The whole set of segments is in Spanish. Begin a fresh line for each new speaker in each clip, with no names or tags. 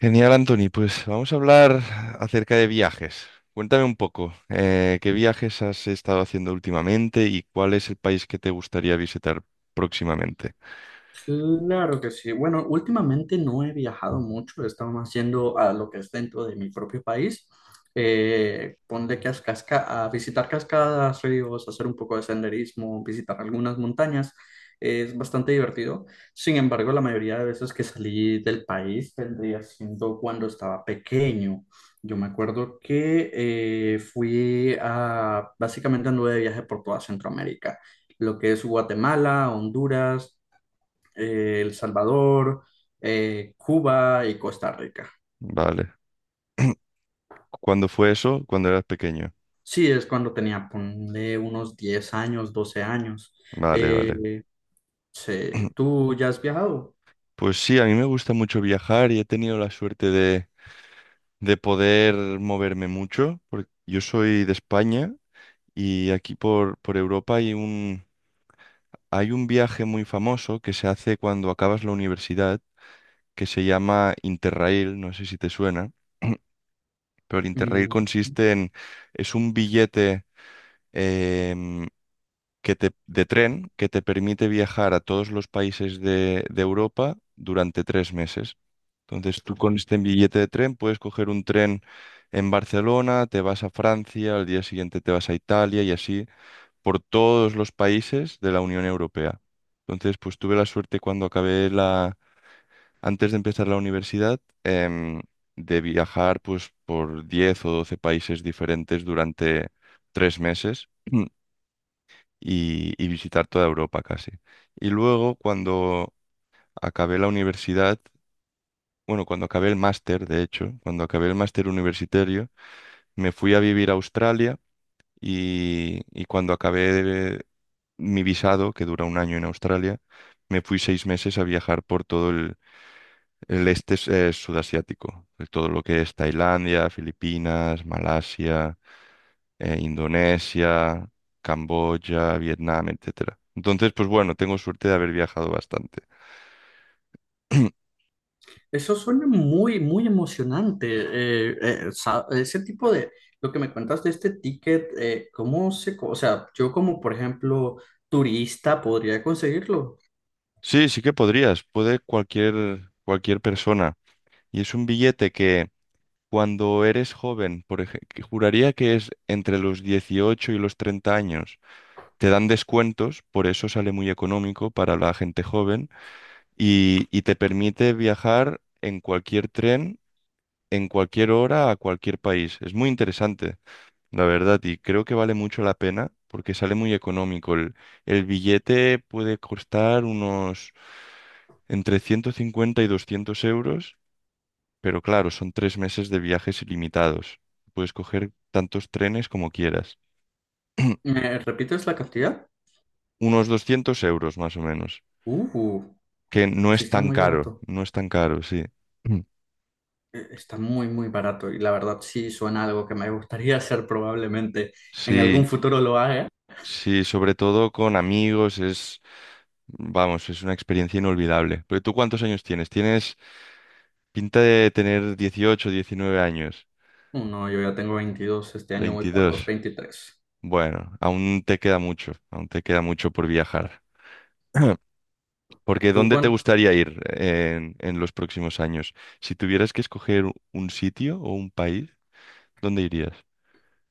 Genial, Anthony. Pues vamos a hablar acerca de viajes. Cuéntame un poco, ¿qué viajes has estado haciendo últimamente y cuál es el país que te gustaría visitar próximamente?
Claro que sí. Bueno, últimamente no he viajado mucho, he estado más yendo a lo que es dentro de mi propio país. Ponle que a, a visitar cascadas, ríos, hacer un poco de senderismo, visitar algunas montañas. Es bastante divertido. Sin embargo, la mayoría de veces que salí del país vendría siendo cuando estaba pequeño. Yo me acuerdo que fui a, básicamente anduve de viaje por toda Centroamérica, lo que es Guatemala, Honduras, El Salvador, Cuba y Costa Rica.
Vale. ¿Cuándo fue eso? Cuando eras pequeño.
Sí, es cuando tenía, ponle unos 10 años, 12 años.
Vale, vale.
Eh, sí, ¿tú ya has viajado?
Pues sí, a mí me gusta mucho viajar y he tenido la suerte de poder moverme mucho, porque yo soy de España y aquí por Europa hay un viaje muy famoso que se hace cuando acabas la universidad, que se llama Interrail, no sé si te suena, pero el Interrail
Mm,
consiste en, es un billete em, de tren que te permite viajar a todos los países de Europa durante tres meses. Entonces tú con este billete de tren puedes coger un tren en Barcelona, te vas a Francia, al día siguiente te vas a Italia y así por todos los países de la Unión Europea. Entonces, pues tuve la suerte cuando antes de empezar la universidad, de viajar pues por 10 o 12 países diferentes durante tres meses y visitar toda Europa casi. Y luego cuando acabé la universidad, bueno, cuando acabé el máster, de hecho, cuando acabé el máster universitario, me fui a vivir a Australia y cuando mi visado, que dura un año en Australia, me fui seis meses a viajar por todo el este sudasiático, de todo lo que es Tailandia, Filipinas, Malasia, Indonesia, Camboya, Vietnam, etcétera. Entonces, pues bueno, tengo suerte de haber viajado bastante.
eso suena muy, muy emocionante. Ese tipo de, lo que me cuentas de este ticket, ¿cómo se, o sea, yo como, por ejemplo, turista podría conseguirlo?
Sí, sí que podrías, puede cualquier, cualquier persona. Y es un billete que cuando eres joven, por ejemplo, juraría que es entre los 18 y los 30 años. Te dan descuentos, por eso sale muy económico para la gente joven y te permite viajar en cualquier tren, en cualquier hora, a cualquier país. Es muy interesante, la verdad, y creo que vale mucho la pena porque sale muy económico. El billete puede costar unos entre 150 y 200 euros, pero claro, son tres meses de viajes ilimitados. Puedes coger tantos trenes como quieras.
¿Me repites la cantidad?
Unos 200 euros más o menos.
Uh,
Que no
sí
es
está
tan
muy
caro,
barato.
no es tan caro, sí. Mm.
Está muy, muy barato y la verdad sí suena algo que me gustaría hacer probablemente en algún
Sí,
futuro lo haga.
sí, sobre todo con amigos es, vamos, es una experiencia inolvidable. Pero ¿tú cuántos años tienes? Tienes pinta de tener dieciocho, diecinueve años.
Oh, no, yo ya tengo 22, este año voy para los
Veintidós.
23.
Bueno, aún te queda mucho, aún te queda mucho por viajar. Porque
Tú,
¿dónde te
Juan,
gustaría ir en los próximos años? Si tuvieras que escoger un sitio o un país, ¿dónde irías?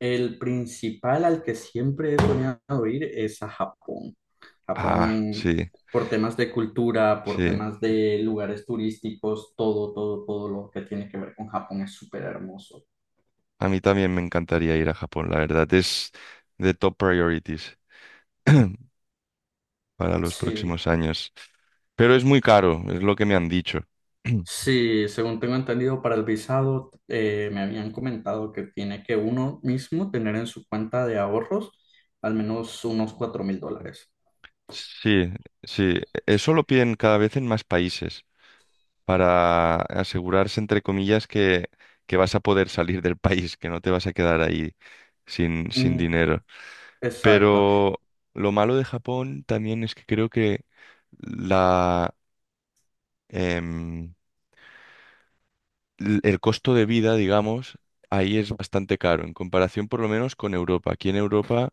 el principal al que siempre he soñado ir es a Japón.
Ah,
Japón,
sí,
por temas de cultura, por
sí.
temas de lugares turísticos, todo, todo, todo lo que tiene que ver con Japón es súper hermoso.
A mí también me encantaría ir a Japón, la verdad. Es de top priorities para los
Sí,
próximos años. Pero es muy caro, es lo que me han dicho.
sí, según tengo entendido, para el visado me habían comentado que tiene que uno mismo tener en su cuenta de ahorros al menos unos $4,000.
Sí, sí. Eso lo piden cada vez en más países, para asegurarse, entre comillas, que vas a poder salir del país, que no te vas a quedar ahí sin, sin
Mm,
dinero.
exacto.
Pero lo malo de Japón también es que creo que la, em, el costo de vida, digamos, ahí es bastante caro, en comparación por lo menos con Europa. Aquí en Europa,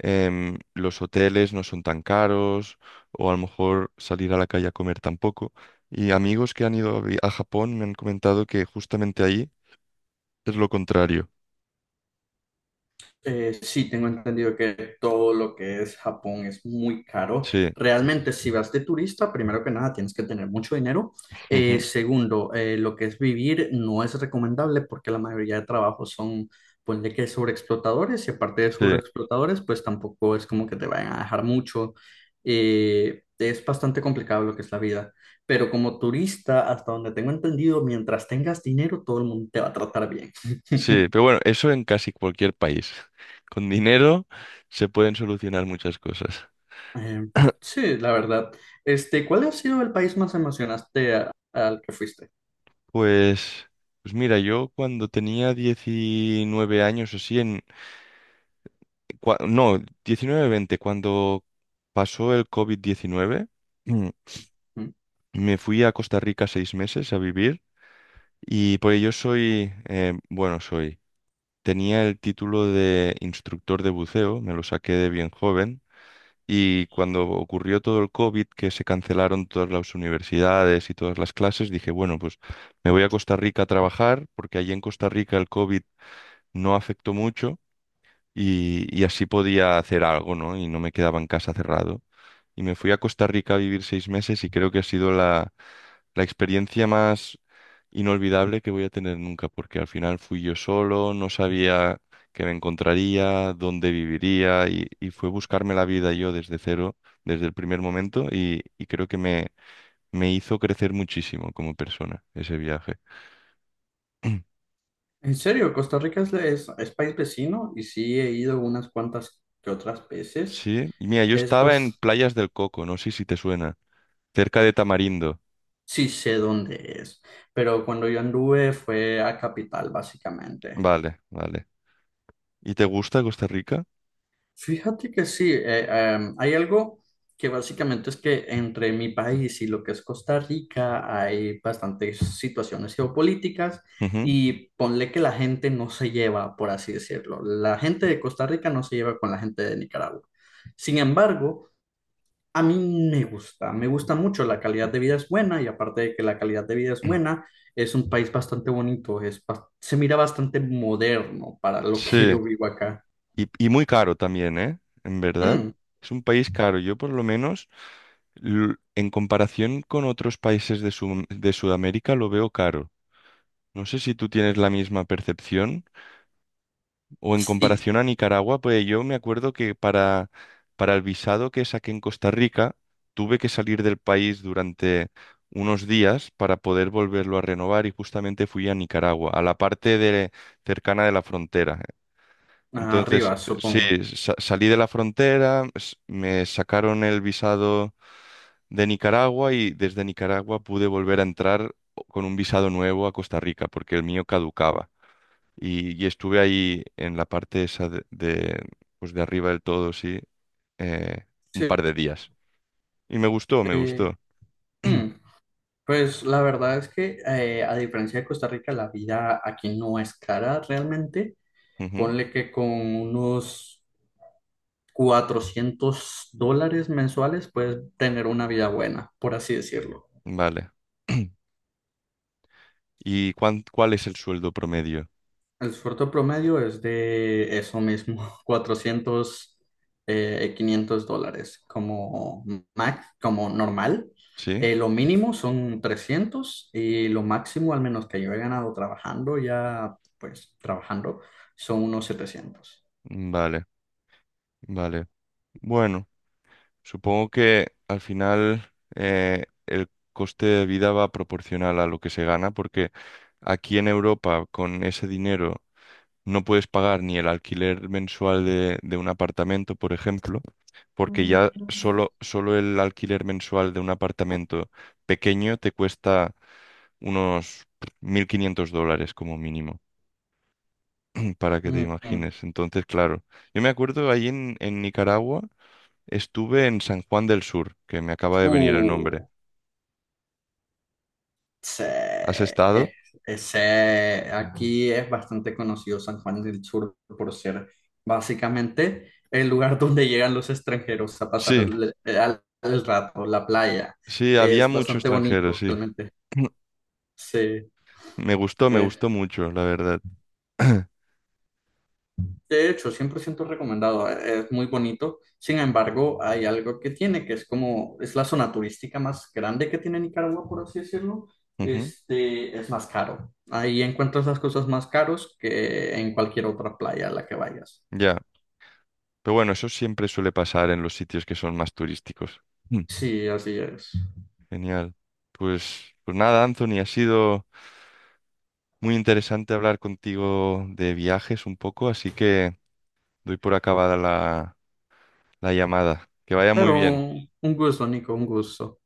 los hoteles no son tan caros, o a lo mejor salir a la calle a comer tampoco. Y amigos que han ido a Japón me han comentado que justamente ahí es lo contrario.
Sí, tengo entendido que todo lo que es Japón es muy caro.
Sí,
Realmente, si vas de turista, primero que nada, tienes que tener mucho dinero.
ujú,
Segundo, lo que es vivir no es recomendable porque la mayoría de trabajos son, ponle que sobreexplotadores, y aparte de
sí,
sobreexplotadores, pues tampoco es como que te vayan a dejar mucho. Es bastante complicado lo que es la vida. Pero como turista, hasta donde tengo entendido, mientras tengas dinero, todo el mundo te va a tratar bien.
sí. Pero bueno, eso en casi cualquier país. Con dinero se pueden solucionar muchas cosas.
Eh, sí, la verdad. Este, ¿cuál ha sido el país más emocionante al que fuiste?
Pues, pues mira, yo cuando tenía 19 años o así, en, cua- no, diecinueve veinte, cuando pasó el COVID-19, mm,
¿Mm?
me fui a Costa Rica seis meses a vivir y por ello soy, bueno, soy, tenía el título de instructor de buceo, me lo saqué de bien joven. Y cuando ocurrió todo el COVID, que se cancelaron todas las universidades y todas las clases, dije, bueno, pues me voy a Costa Rica a trabajar, porque allí en Costa Rica el COVID no afectó mucho y así podía hacer algo, ¿no? Y no me quedaba en casa cerrado y me fui a Costa Rica a vivir seis meses y creo que ha sido la experiencia más inolvidable que voy a tener nunca, porque al final fui yo solo, no sabía qué me encontraría, dónde viviría y fue buscarme la vida yo desde cero, desde el primer momento y creo que me hizo crecer muchísimo como persona ese viaje.
En serio, Costa Rica es, es país vecino y sí he ido unas cuantas que otras veces.
Sí, y mira, yo
Es,
estaba en
bas-
Playas del Coco, no sé si te suena, cerca de Tamarindo.
sí sé dónde es, pero cuando yo anduve fue a Capital, básicamente.
Vale, vale. ¿Y te gusta Costa Rica?
Fíjate que sí, hay algo que básicamente es que entre mi país y lo que es Costa Rica hay bastantes situaciones geopolíticas
Ujú.
y ponle que la gente no se lleva, por así decirlo. La gente de Costa Rica no se lleva con la gente de Nicaragua. Sin embargo, a mí me gusta mucho, la calidad de vida es buena y aparte de que la calidad de vida es buena, es un país bastante bonito, es, se mira bastante moderno para lo que
Sí.
yo vivo acá.
Y muy caro también, ¿eh? En verdad.
Mm,
Es un país caro. Yo por lo menos, en comparación con otros países de Sudamérica, lo veo caro. No sé si tú tienes la misma percepción o en
sí.
comparación a Nicaragua, pues yo me acuerdo que para el visado que saqué en Costa Rica, tuve que salir del país durante unos días para poder volverlo a renovar y justamente fui a Nicaragua, a la parte cercana de la frontera. Entonces,
Arriba,
sí,
supongo.
salí de la frontera, me sacaron el visado de Nicaragua y desde Nicaragua pude volver a entrar con un visado nuevo a Costa Rica porque el mío caducaba. Y estuve ahí en la parte esa pues de arriba del todo, sí, eh, un
Sí.
par de días. Y me gustó, me
eh,
gustó.
hmm, Pues la verdad es que a diferencia de Costa Rica, la vida aquí no es cara realmente.
Ujú,
Ponle que con unos $400 mensuales puedes tener una vida buena, por así decirlo.
vale. ¿Y cuál es el sueldo promedio?
El sueldo promedio es de eso mismo, 400 $500 como max, como normal.
¿Sí?
Lo mínimo son 300 y lo máximo, al menos que yo he ganado trabajando, ya pues trabajando, son unos 700.
Vale, vale. Bueno. Supongo que al final el coste de vida va proporcional a lo que se gana, porque aquí en Europa con ese dinero no puedes pagar ni el alquiler mensual de un apartamento, por ejemplo, porque ya solo, solo el alquiler mensual de un apartamento pequeño te cuesta unos 1.500 $ como mínimo, para que te
Mm, mm.
imagines. Entonces, claro, yo me acuerdo ahí en Nicaragua. Estuve en San Juan del Sur, que me acaba de venir el nombre.
Uh, sí,
¿Has
es-
estado?
aquí es bastante conocido San Juan del Sur por ser básicamente el lugar donde llegan los extranjeros a pasar
Sí,
el, el rato, la
s-
playa.
sí, había
Es
mucho
bastante
extranjero,
bonito,
sí.
realmente. Sí,
Me
eh,
gustó mucho, la verdad.
de hecho, 100% recomendado, es muy bonito. Sin embargo, hay algo que tiene, que es como, es la zona turística más grande que tiene Nicaragua, por así decirlo.
Ujú,
Este, es más caro. Ahí encuentras las cosas más caros que en cualquier otra playa a la que vayas.
ya. Pero bueno, eso siempre suele pasar en los sitios que son más turísticos. Mm.
Sí, así es.
Genial. Pues, pues nada, Anthony, ha sido muy interesante hablar contigo de viajes un poco, así que doy por acabada la, la llamada. Que vaya muy
Claro,
bien.
un gusto, Nico, un gusto.